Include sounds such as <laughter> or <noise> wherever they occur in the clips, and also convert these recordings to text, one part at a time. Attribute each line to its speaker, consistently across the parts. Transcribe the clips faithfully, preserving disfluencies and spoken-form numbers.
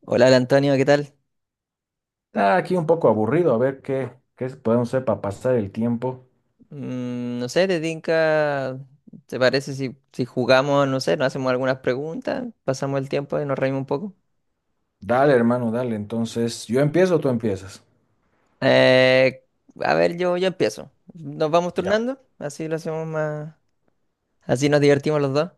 Speaker 1: Hola, hola, Antonio, ¿qué tal?
Speaker 2: Está aquí un poco aburrido, a ver qué, qué podemos hacer para pasar el tiempo.
Speaker 1: Mm, no sé, ¿te tinca? ¿Te parece si si jugamos, no sé, nos hacemos algunas preguntas, pasamos el tiempo y nos reímos un poco?
Speaker 2: Dale, hermano, dale. Entonces, ¿yo empiezo o tú empiezas?
Speaker 1: Eh, a ver, yo, yo empiezo. Nos vamos
Speaker 2: Ya.
Speaker 1: turnando, así lo hacemos más, así nos divertimos los dos.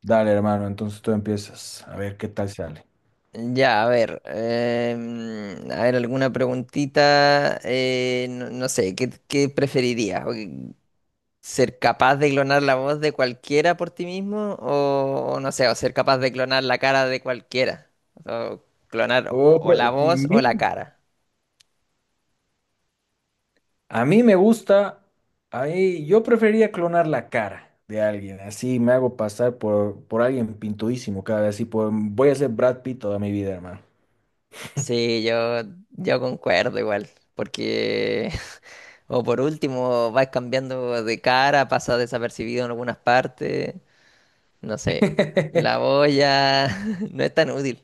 Speaker 2: Dale, hermano, entonces tú empiezas. A ver qué tal sale.
Speaker 1: Ya, a ver, em, a ver, alguna preguntita, eh, no, no sé, ¿qué, qué preferirías? Ser capaz de clonar la voz de cualquiera por ti mismo o o no sé, o ser capaz de clonar la cara de cualquiera. O clonar
Speaker 2: Oh,
Speaker 1: o
Speaker 2: pre-
Speaker 1: la voz o la
Speaker 2: mi-
Speaker 1: cara.
Speaker 2: a mí me gusta, ahí, yo prefería clonar la cara de alguien, así me hago pasar por, por alguien pintudísimo cada vez, así por, voy a ser Brad Pitt toda mi vida, hermano.
Speaker 1: Sí, yo, yo concuerdo igual. Porque, <laughs> o por último, vas cambiando de cara, pasa desapercibido en algunas partes. No sé, la
Speaker 2: <laughs>
Speaker 1: voz ya <laughs> no es tan útil.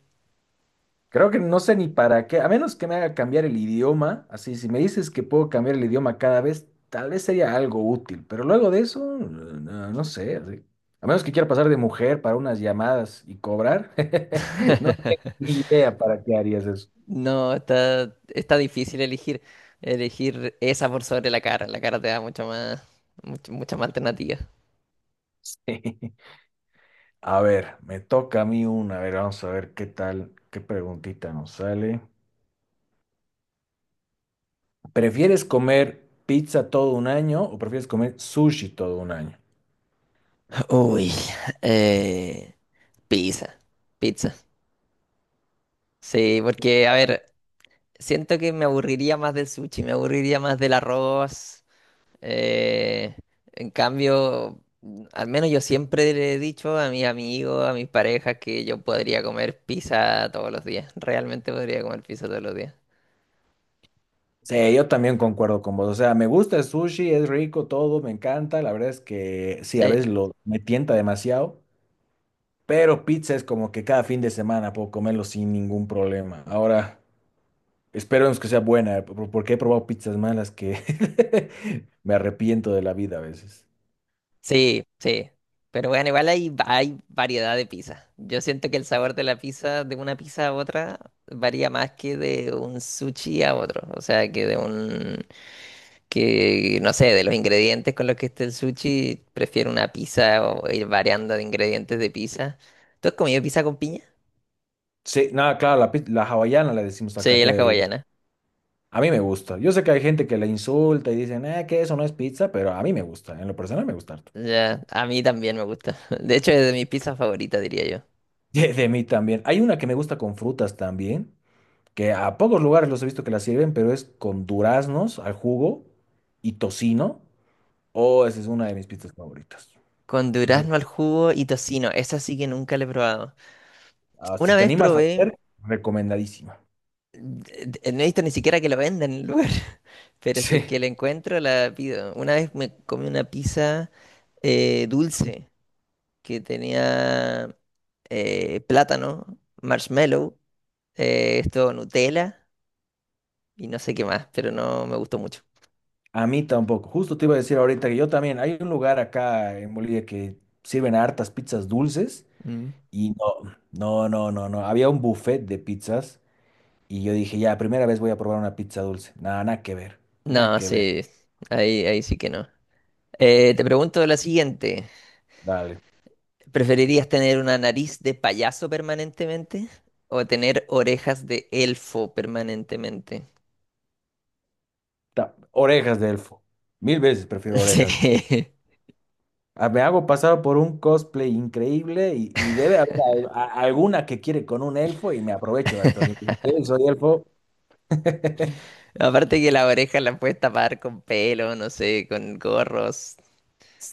Speaker 2: Creo que no sé ni para qué, a menos que me haga cambiar el idioma, así si me dices que puedo cambiar el idioma cada vez, tal vez sería algo útil, pero luego de eso, no, no sé, así. A menos que quiera pasar de mujer para unas llamadas y cobrar, <laughs> no tengo ni idea para qué harías eso.
Speaker 1: No, está, está difícil elegir, elegir esa por sobre la cara. La cara te da mucho más, mucho- mucha más alternativa.
Speaker 2: <laughs> A ver, me toca a mí una, a ver, vamos a ver qué tal, qué preguntita nos sale. ¿Prefieres comer pizza todo un año o prefieres comer sushi todo un año?
Speaker 1: Uy, eh, pizza, pizza. Sí, porque, a ver, siento que me aburriría más del sushi, me aburriría más del arroz. eh, en cambio, al menos yo siempre le he dicho a mis amigos, a mis parejas, que yo podría comer pizza todos los días. Realmente podría comer pizza todos los días.
Speaker 2: Sí, yo también concuerdo con vos. O sea, me gusta el sushi, es rico todo, me encanta. La verdad es que sí, a
Speaker 1: Sí.
Speaker 2: veces lo me tienta demasiado, pero pizza es como que cada fin de semana puedo comerlo sin ningún problema. Ahora, esperemos que sea buena, por- porque he probado pizzas malas que <laughs> me arrepiento de la vida a veces.
Speaker 1: Sí, sí. Pero bueno, igual hay, hay variedad de pizza. Yo siento que el sabor de la pizza, de una pizza a otra, varía más que de un sushi a otro. O sea, que de un, que no sé, de los ingredientes con los que esté el sushi, prefiero una pizza o ir variando de ingredientes de pizza. ¿Tú has comido pizza con piña?
Speaker 2: Sí, nada, claro, la, piz- la hawaiana la decimos acá,
Speaker 1: Sí,
Speaker 2: que
Speaker 1: la
Speaker 2: el-
Speaker 1: hawaiana.
Speaker 2: a mí me gusta. Yo sé que hay gente que la insulta y dicen, eh, que eso no es pizza, pero a mí me gusta, en lo personal me gusta harto.
Speaker 1: Ya, a mí también me gusta. <laughs> De hecho, es de mis pizzas favoritas, diría yo.
Speaker 2: <laughs> de de mí también. Hay una que me gusta con frutas también que a pocos lugares los he visto que la sirven, pero es con duraznos al jugo y tocino. Oh, esa es una de mis pizzas favoritas.
Speaker 1: Con
Speaker 2: O sea,
Speaker 1: durazno al jugo y tocino. Esa sí que nunca la he probado.
Speaker 2: ah, si
Speaker 1: Una
Speaker 2: te
Speaker 1: vez
Speaker 2: animas a
Speaker 1: probé.
Speaker 2: hacer, recomendadísima.
Speaker 1: Eh, No he visto ni siquiera que lo venda en el lugar, <laughs> pero si es
Speaker 2: Sí.
Speaker 1: que la encuentro, la pido. Una vez me comí una pizza eh, dulce que tenía eh, plátano, marshmallow, eh, esto Nutella y no sé qué más, pero no me gustó mucho.
Speaker 2: A mí tampoco. Justo te iba a decir ahorita que yo también. Hay un lugar acá en Bolivia que sirven hartas pizzas dulces
Speaker 1: Mm.
Speaker 2: y no, no, no, no, no. Había un buffet de pizzas y yo dije, ya, primera vez voy a probar una pizza dulce. Nada, nada que ver. Nada
Speaker 1: No,
Speaker 2: que ver.
Speaker 1: sí, ahí, ahí sí que no. Eh, te pregunto la siguiente,
Speaker 2: Dale.
Speaker 1: ¿preferirías tener una nariz de payaso permanentemente o tener orejas de elfo permanentemente?
Speaker 2: Ta- orejas de elfo. Mil veces
Speaker 1: <laughs>
Speaker 2: prefiero orejas.
Speaker 1: Sí.
Speaker 2: Ah, me hago pasar por un cosplay increíble y, y debe haber al- a- alguna que quiere con un elfo y me aprovecho de esto. "Sí, soy elfo. <laughs>
Speaker 1: Aparte que la oreja la puedes tapar con pelo, no sé, con gorros,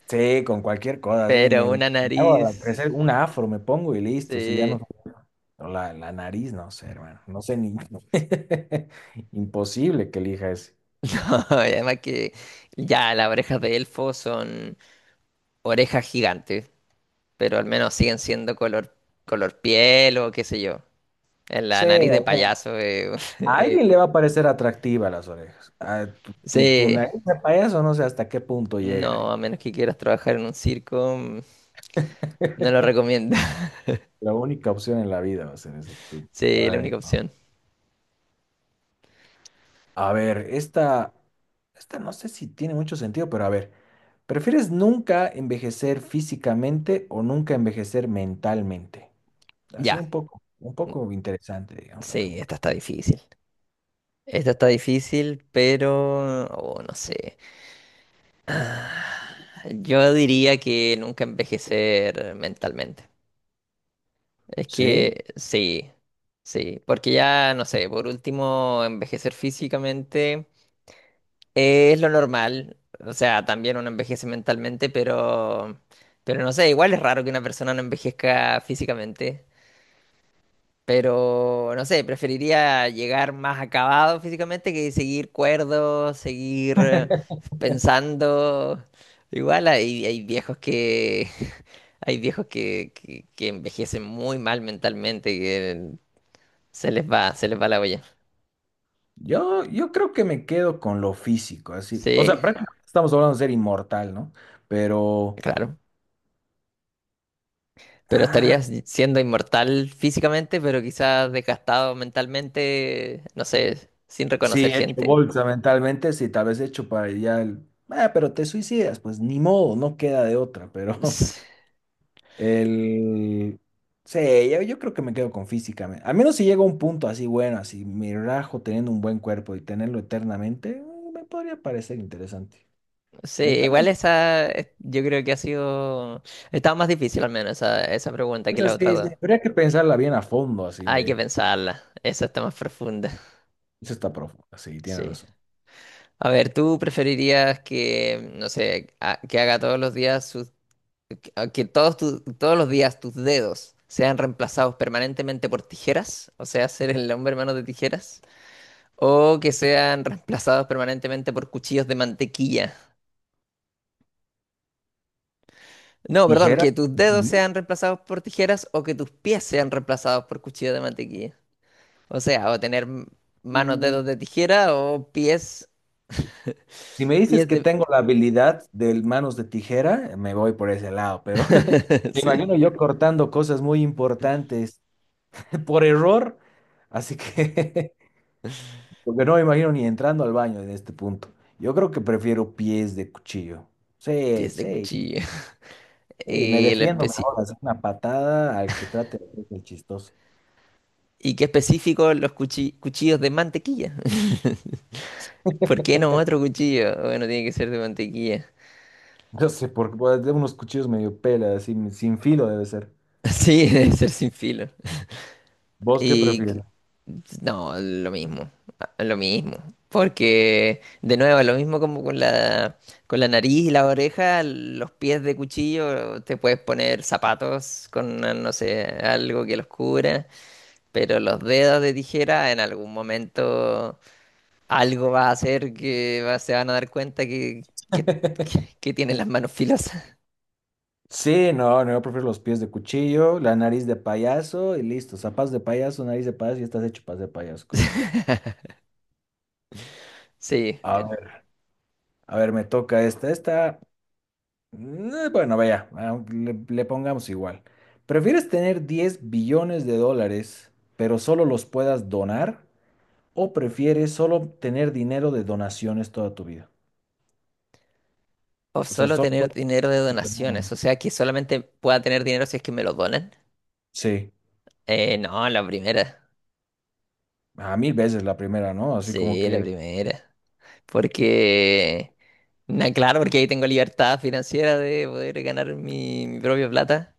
Speaker 2: Sí, con cualquier cosa, sí.
Speaker 1: pero
Speaker 2: Me, me
Speaker 1: una
Speaker 2: hago a
Speaker 1: nariz,
Speaker 2: crecer un afro, me pongo y listo. Si ya no.
Speaker 1: sí.
Speaker 2: O La, la nariz, no sé, hermano. No sé ni. <laughs> Imposible que elija ese.
Speaker 1: <laughs> No, y además que ya las orejas de elfo son orejas gigantes, pero al menos siguen siendo color, color piel o qué sé yo. En la
Speaker 2: Sí, o
Speaker 1: nariz de
Speaker 2: sea,
Speaker 1: payaso, eh, <laughs>
Speaker 2: a alguien le
Speaker 1: eh,
Speaker 2: va a parecer atractiva las orejas. Ah, tu, tu, tu
Speaker 1: sí.
Speaker 2: nariz de payaso, no sé hasta qué punto llega.
Speaker 1: No, a menos que quieras trabajar en un circo, mm, no lo
Speaker 2: <laughs>
Speaker 1: recomiendo.
Speaker 2: La única opción en la vida va a ser eso. tú-
Speaker 1: <laughs> Sí, la
Speaker 2: Ay,
Speaker 1: única
Speaker 2: no.
Speaker 1: opción.
Speaker 2: A ver, esta, esta no sé si tiene mucho sentido, pero a ver, ¿prefieres nunca envejecer físicamente o nunca envejecer mentalmente? Así un
Speaker 1: Ya,
Speaker 2: poco, un poco interesante, digamos, la
Speaker 1: sí,
Speaker 2: pregunta.
Speaker 1: esta está difícil. Esta está difícil, pero oh, no sé. Ah, yo diría que nunca envejecer mentalmente. Es
Speaker 2: Sí,
Speaker 1: que sí, sí, porque ya, no sé, por último, envejecer físicamente es lo normal. O sea, también uno envejece mentalmente, pero, pero no sé, igual es raro que una persona no envejezca físicamente. Pero no sé, preferiría llegar más acabado físicamente que seguir cuerdo, seguir eh, pensando. Igual hay, hay viejos que <laughs> hay viejos que, que, que envejecen muy mal mentalmente, que se les va, se les va la olla.
Speaker 2: yo, yo creo que me quedo con lo físico, así. O
Speaker 1: Sí,
Speaker 2: sea, prácticamente estamos hablando de ser inmortal, ¿no? Pero,
Speaker 1: claro. Pero estarías siendo inmortal físicamente, pero quizás desgastado mentalmente, no sé, sin reconocer
Speaker 2: sí, hecho
Speaker 1: gente.
Speaker 2: bolsa mentalmente, sí, tal vez hecho para ya el, "Ah, pero te suicidas, pues ni modo, no queda de otra, pero <laughs>
Speaker 1: <laughs>
Speaker 2: el, sí, yo, yo creo que me quedo con físicamente, al menos si llega un punto así bueno, así me rajo teniendo un buen cuerpo y tenerlo eternamente, eh, me podría parecer interesante.
Speaker 1: Sí, igual
Speaker 2: Mentalmente,
Speaker 1: esa, eh, yo creo que ha sido, estaba más difícil al menos esa, esa pregunta que
Speaker 2: es
Speaker 1: las otras
Speaker 2: así, sí,
Speaker 1: dos.
Speaker 2: habría que pensarla bien a fondo, así
Speaker 1: Hay que
Speaker 2: de,
Speaker 1: pensarla, esa está más profunda.
Speaker 2: eso está profundo, sí, tienes
Speaker 1: Sí.
Speaker 2: razón.
Speaker 1: A ver, ¿tú preferirías que, no sé, a- que haga todos los días sus, que a- que todos tus- todos los días tus dedos sean reemplazados permanentemente por tijeras? O sea, ser el hombre hermano de tijeras. ¿O que sean reemplazados permanentemente por cuchillos de mantequilla? No, perdón,
Speaker 2: Tijera.
Speaker 1: que tus dedos
Speaker 2: Ujú.
Speaker 1: sean reemplazados por tijeras o que tus pies sean reemplazados por cuchillos de mantequilla. O sea, o tener m- manos,
Speaker 2: Mm,
Speaker 1: dedos de tijera o pies,
Speaker 2: si me dices
Speaker 1: pies
Speaker 2: que
Speaker 1: de,
Speaker 2: tengo la habilidad de manos de tijera, me voy por ese lado, pero me
Speaker 1: <laughs> sí,
Speaker 2: imagino yo cortando cosas muy importantes <laughs> por error, así que, <laughs> porque no me imagino ni entrando al baño en este punto. Yo creo que prefiero pies de cuchillo. Sí,
Speaker 1: pies de
Speaker 2: sí,
Speaker 1: cuchillo. <laughs>
Speaker 2: sí, me
Speaker 1: Y, el
Speaker 2: defiendo
Speaker 1: especi-
Speaker 2: mejor, hacer una patada al que trate de hacer el chistoso. <laughs>
Speaker 1: y qué específico los cuchi- cuchillos de mantequilla. <laughs> ¿Por qué no otro cuchillo? Bueno, tiene que ser de mantequilla. <laughs>
Speaker 2: No sé, porque pues, de unos cuchillos medio pela, así, sin filo debe ser.
Speaker 1: Sí, debe ser sin filo.
Speaker 2: ¿Vos qué
Speaker 1: Y
Speaker 2: prefieres?
Speaker 1: no, lo mismo, a- lo mismo. Porque, de nuevo, lo mismo como con la, con la nariz y la oreja, los pies de cuchillo, te puedes poner zapatos con, no sé, algo que los cubra, pero los dedos de tijera, en algún momento algo va a hacer que va- se van a dar cuenta que, que, que que tienen las manos filosas. <laughs>
Speaker 2: Sí, no, no, yo prefiero los pies de cuchillo, la nariz de payaso y listo. Zapatos de payaso, nariz de payaso y estás hecho para ser payaso con eso.
Speaker 1: Sí.
Speaker 2: A
Speaker 1: eh.
Speaker 2: ver. A ver, me toca esta. Esta, eh, bueno, vaya, ah, le, le pongamos igual. ¿Prefieres tener diez billones de dólares, pero solo los puedas donar? ¿O prefieres solo tener dinero de donaciones toda tu vida?
Speaker 1: O
Speaker 2: O sea,
Speaker 1: solo
Speaker 2: solo
Speaker 1: tener
Speaker 2: puedes...
Speaker 1: dinero de
Speaker 2: que te
Speaker 1: donaciones,
Speaker 2: donen.
Speaker 1: o sea que solamente pueda tener dinero si es que me lo donan.
Speaker 2: Sí,
Speaker 1: Eh, no, la primera.
Speaker 2: a mil veces la primera, ¿no? Así como
Speaker 1: Sí, la
Speaker 2: que...
Speaker 1: primera. Porque, na, claro, porque ahí tengo libertad financiera de poder ganar mi, mi propia plata,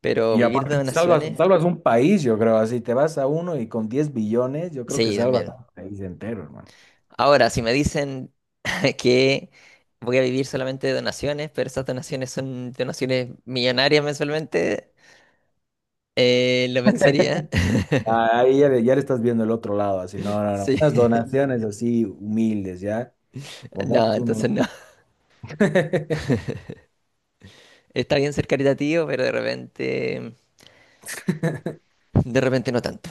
Speaker 1: pero
Speaker 2: Y
Speaker 1: vivir de
Speaker 2: aparte, salvas,
Speaker 1: donaciones,
Speaker 2: salvas un país, yo creo, así te vas a uno y con diez billones, yo creo que
Speaker 1: sí,
Speaker 2: salvas
Speaker 1: también.
Speaker 2: un país entero, hermano.
Speaker 1: Ahora, si me dicen <laughs> que voy a vivir solamente de donaciones, pero esas donaciones son donaciones millonarias mensualmente, eh, lo pensaría. <laughs>
Speaker 2: Ah, ahí ya le, ya le estás viendo el otro lado, así, no, no, no.
Speaker 1: Sí,
Speaker 2: Unas
Speaker 1: <laughs>
Speaker 2: donaciones así humildes, ¿ya?
Speaker 1: no,
Speaker 2: Pongamos uno.
Speaker 1: entonces no.
Speaker 2: <laughs>
Speaker 1: Está bien ser caritativo, pero de repente, de repente no tanto.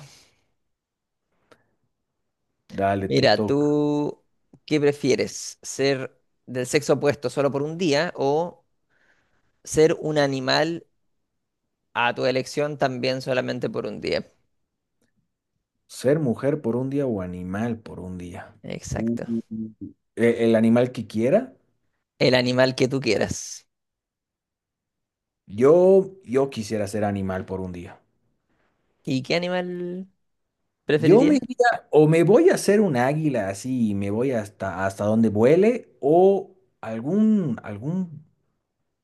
Speaker 2: Dale, te
Speaker 1: Mira,
Speaker 2: toca.
Speaker 1: ¿tú qué prefieres? ¿Ser del sexo opuesto solo por un día o ser un animal a tu elección también solamente por un día?
Speaker 2: Ser mujer por un día o animal por un día. Uh,
Speaker 1: Exacto.
Speaker 2: uh, uh. ¿E- ¿El animal que quiera?
Speaker 1: El animal que tú quieras.
Speaker 2: Yo, yo quisiera ser animal por un día.
Speaker 1: ¿Y qué animal
Speaker 2: Yo me
Speaker 1: preferirías?
Speaker 2: iría, o me voy a hacer un águila así, y me voy hasta, hasta donde vuele, o algún, algún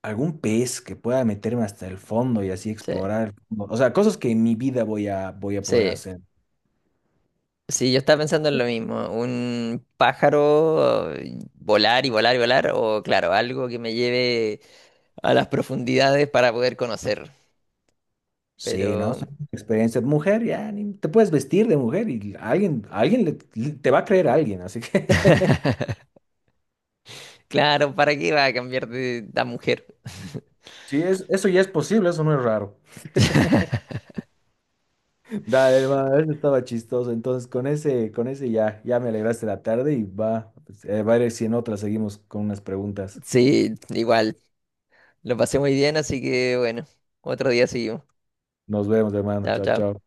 Speaker 2: algún pez que pueda meterme hasta el fondo y así
Speaker 1: Sí,
Speaker 2: explorar el fondo. O sea, cosas que en mi vida voy a, voy a poder
Speaker 1: sí.
Speaker 2: hacer.
Speaker 1: Sí, yo estaba pensando en lo mismo. Un pájaro, eh, volar y volar y volar, o claro, algo que me lleve a las profundidades para poder conocer.
Speaker 2: Sí, ¿no?
Speaker 1: Pero,
Speaker 2: Son experiencias de mujer, ya ni- te puedes vestir de mujer y alguien, alguien le- te va a creer a alguien, así que <laughs>
Speaker 1: claro, ¿para qué va a cambiar de la mujer?
Speaker 2: sí, es, eso ya es posible, eso no es raro. Dale, hermano, eso estaba chistoso. Entonces, con ese, con ese ya, ya me alegraste la tarde y va, pues, eh, va a ver si en otra seguimos con unas preguntas.
Speaker 1: Sí, igual. Lo pasé muy bien, así que bueno, otro día seguimos.
Speaker 2: Nos vemos, hermano.
Speaker 1: Chao,
Speaker 2: Chao,
Speaker 1: chao.
Speaker 2: chao.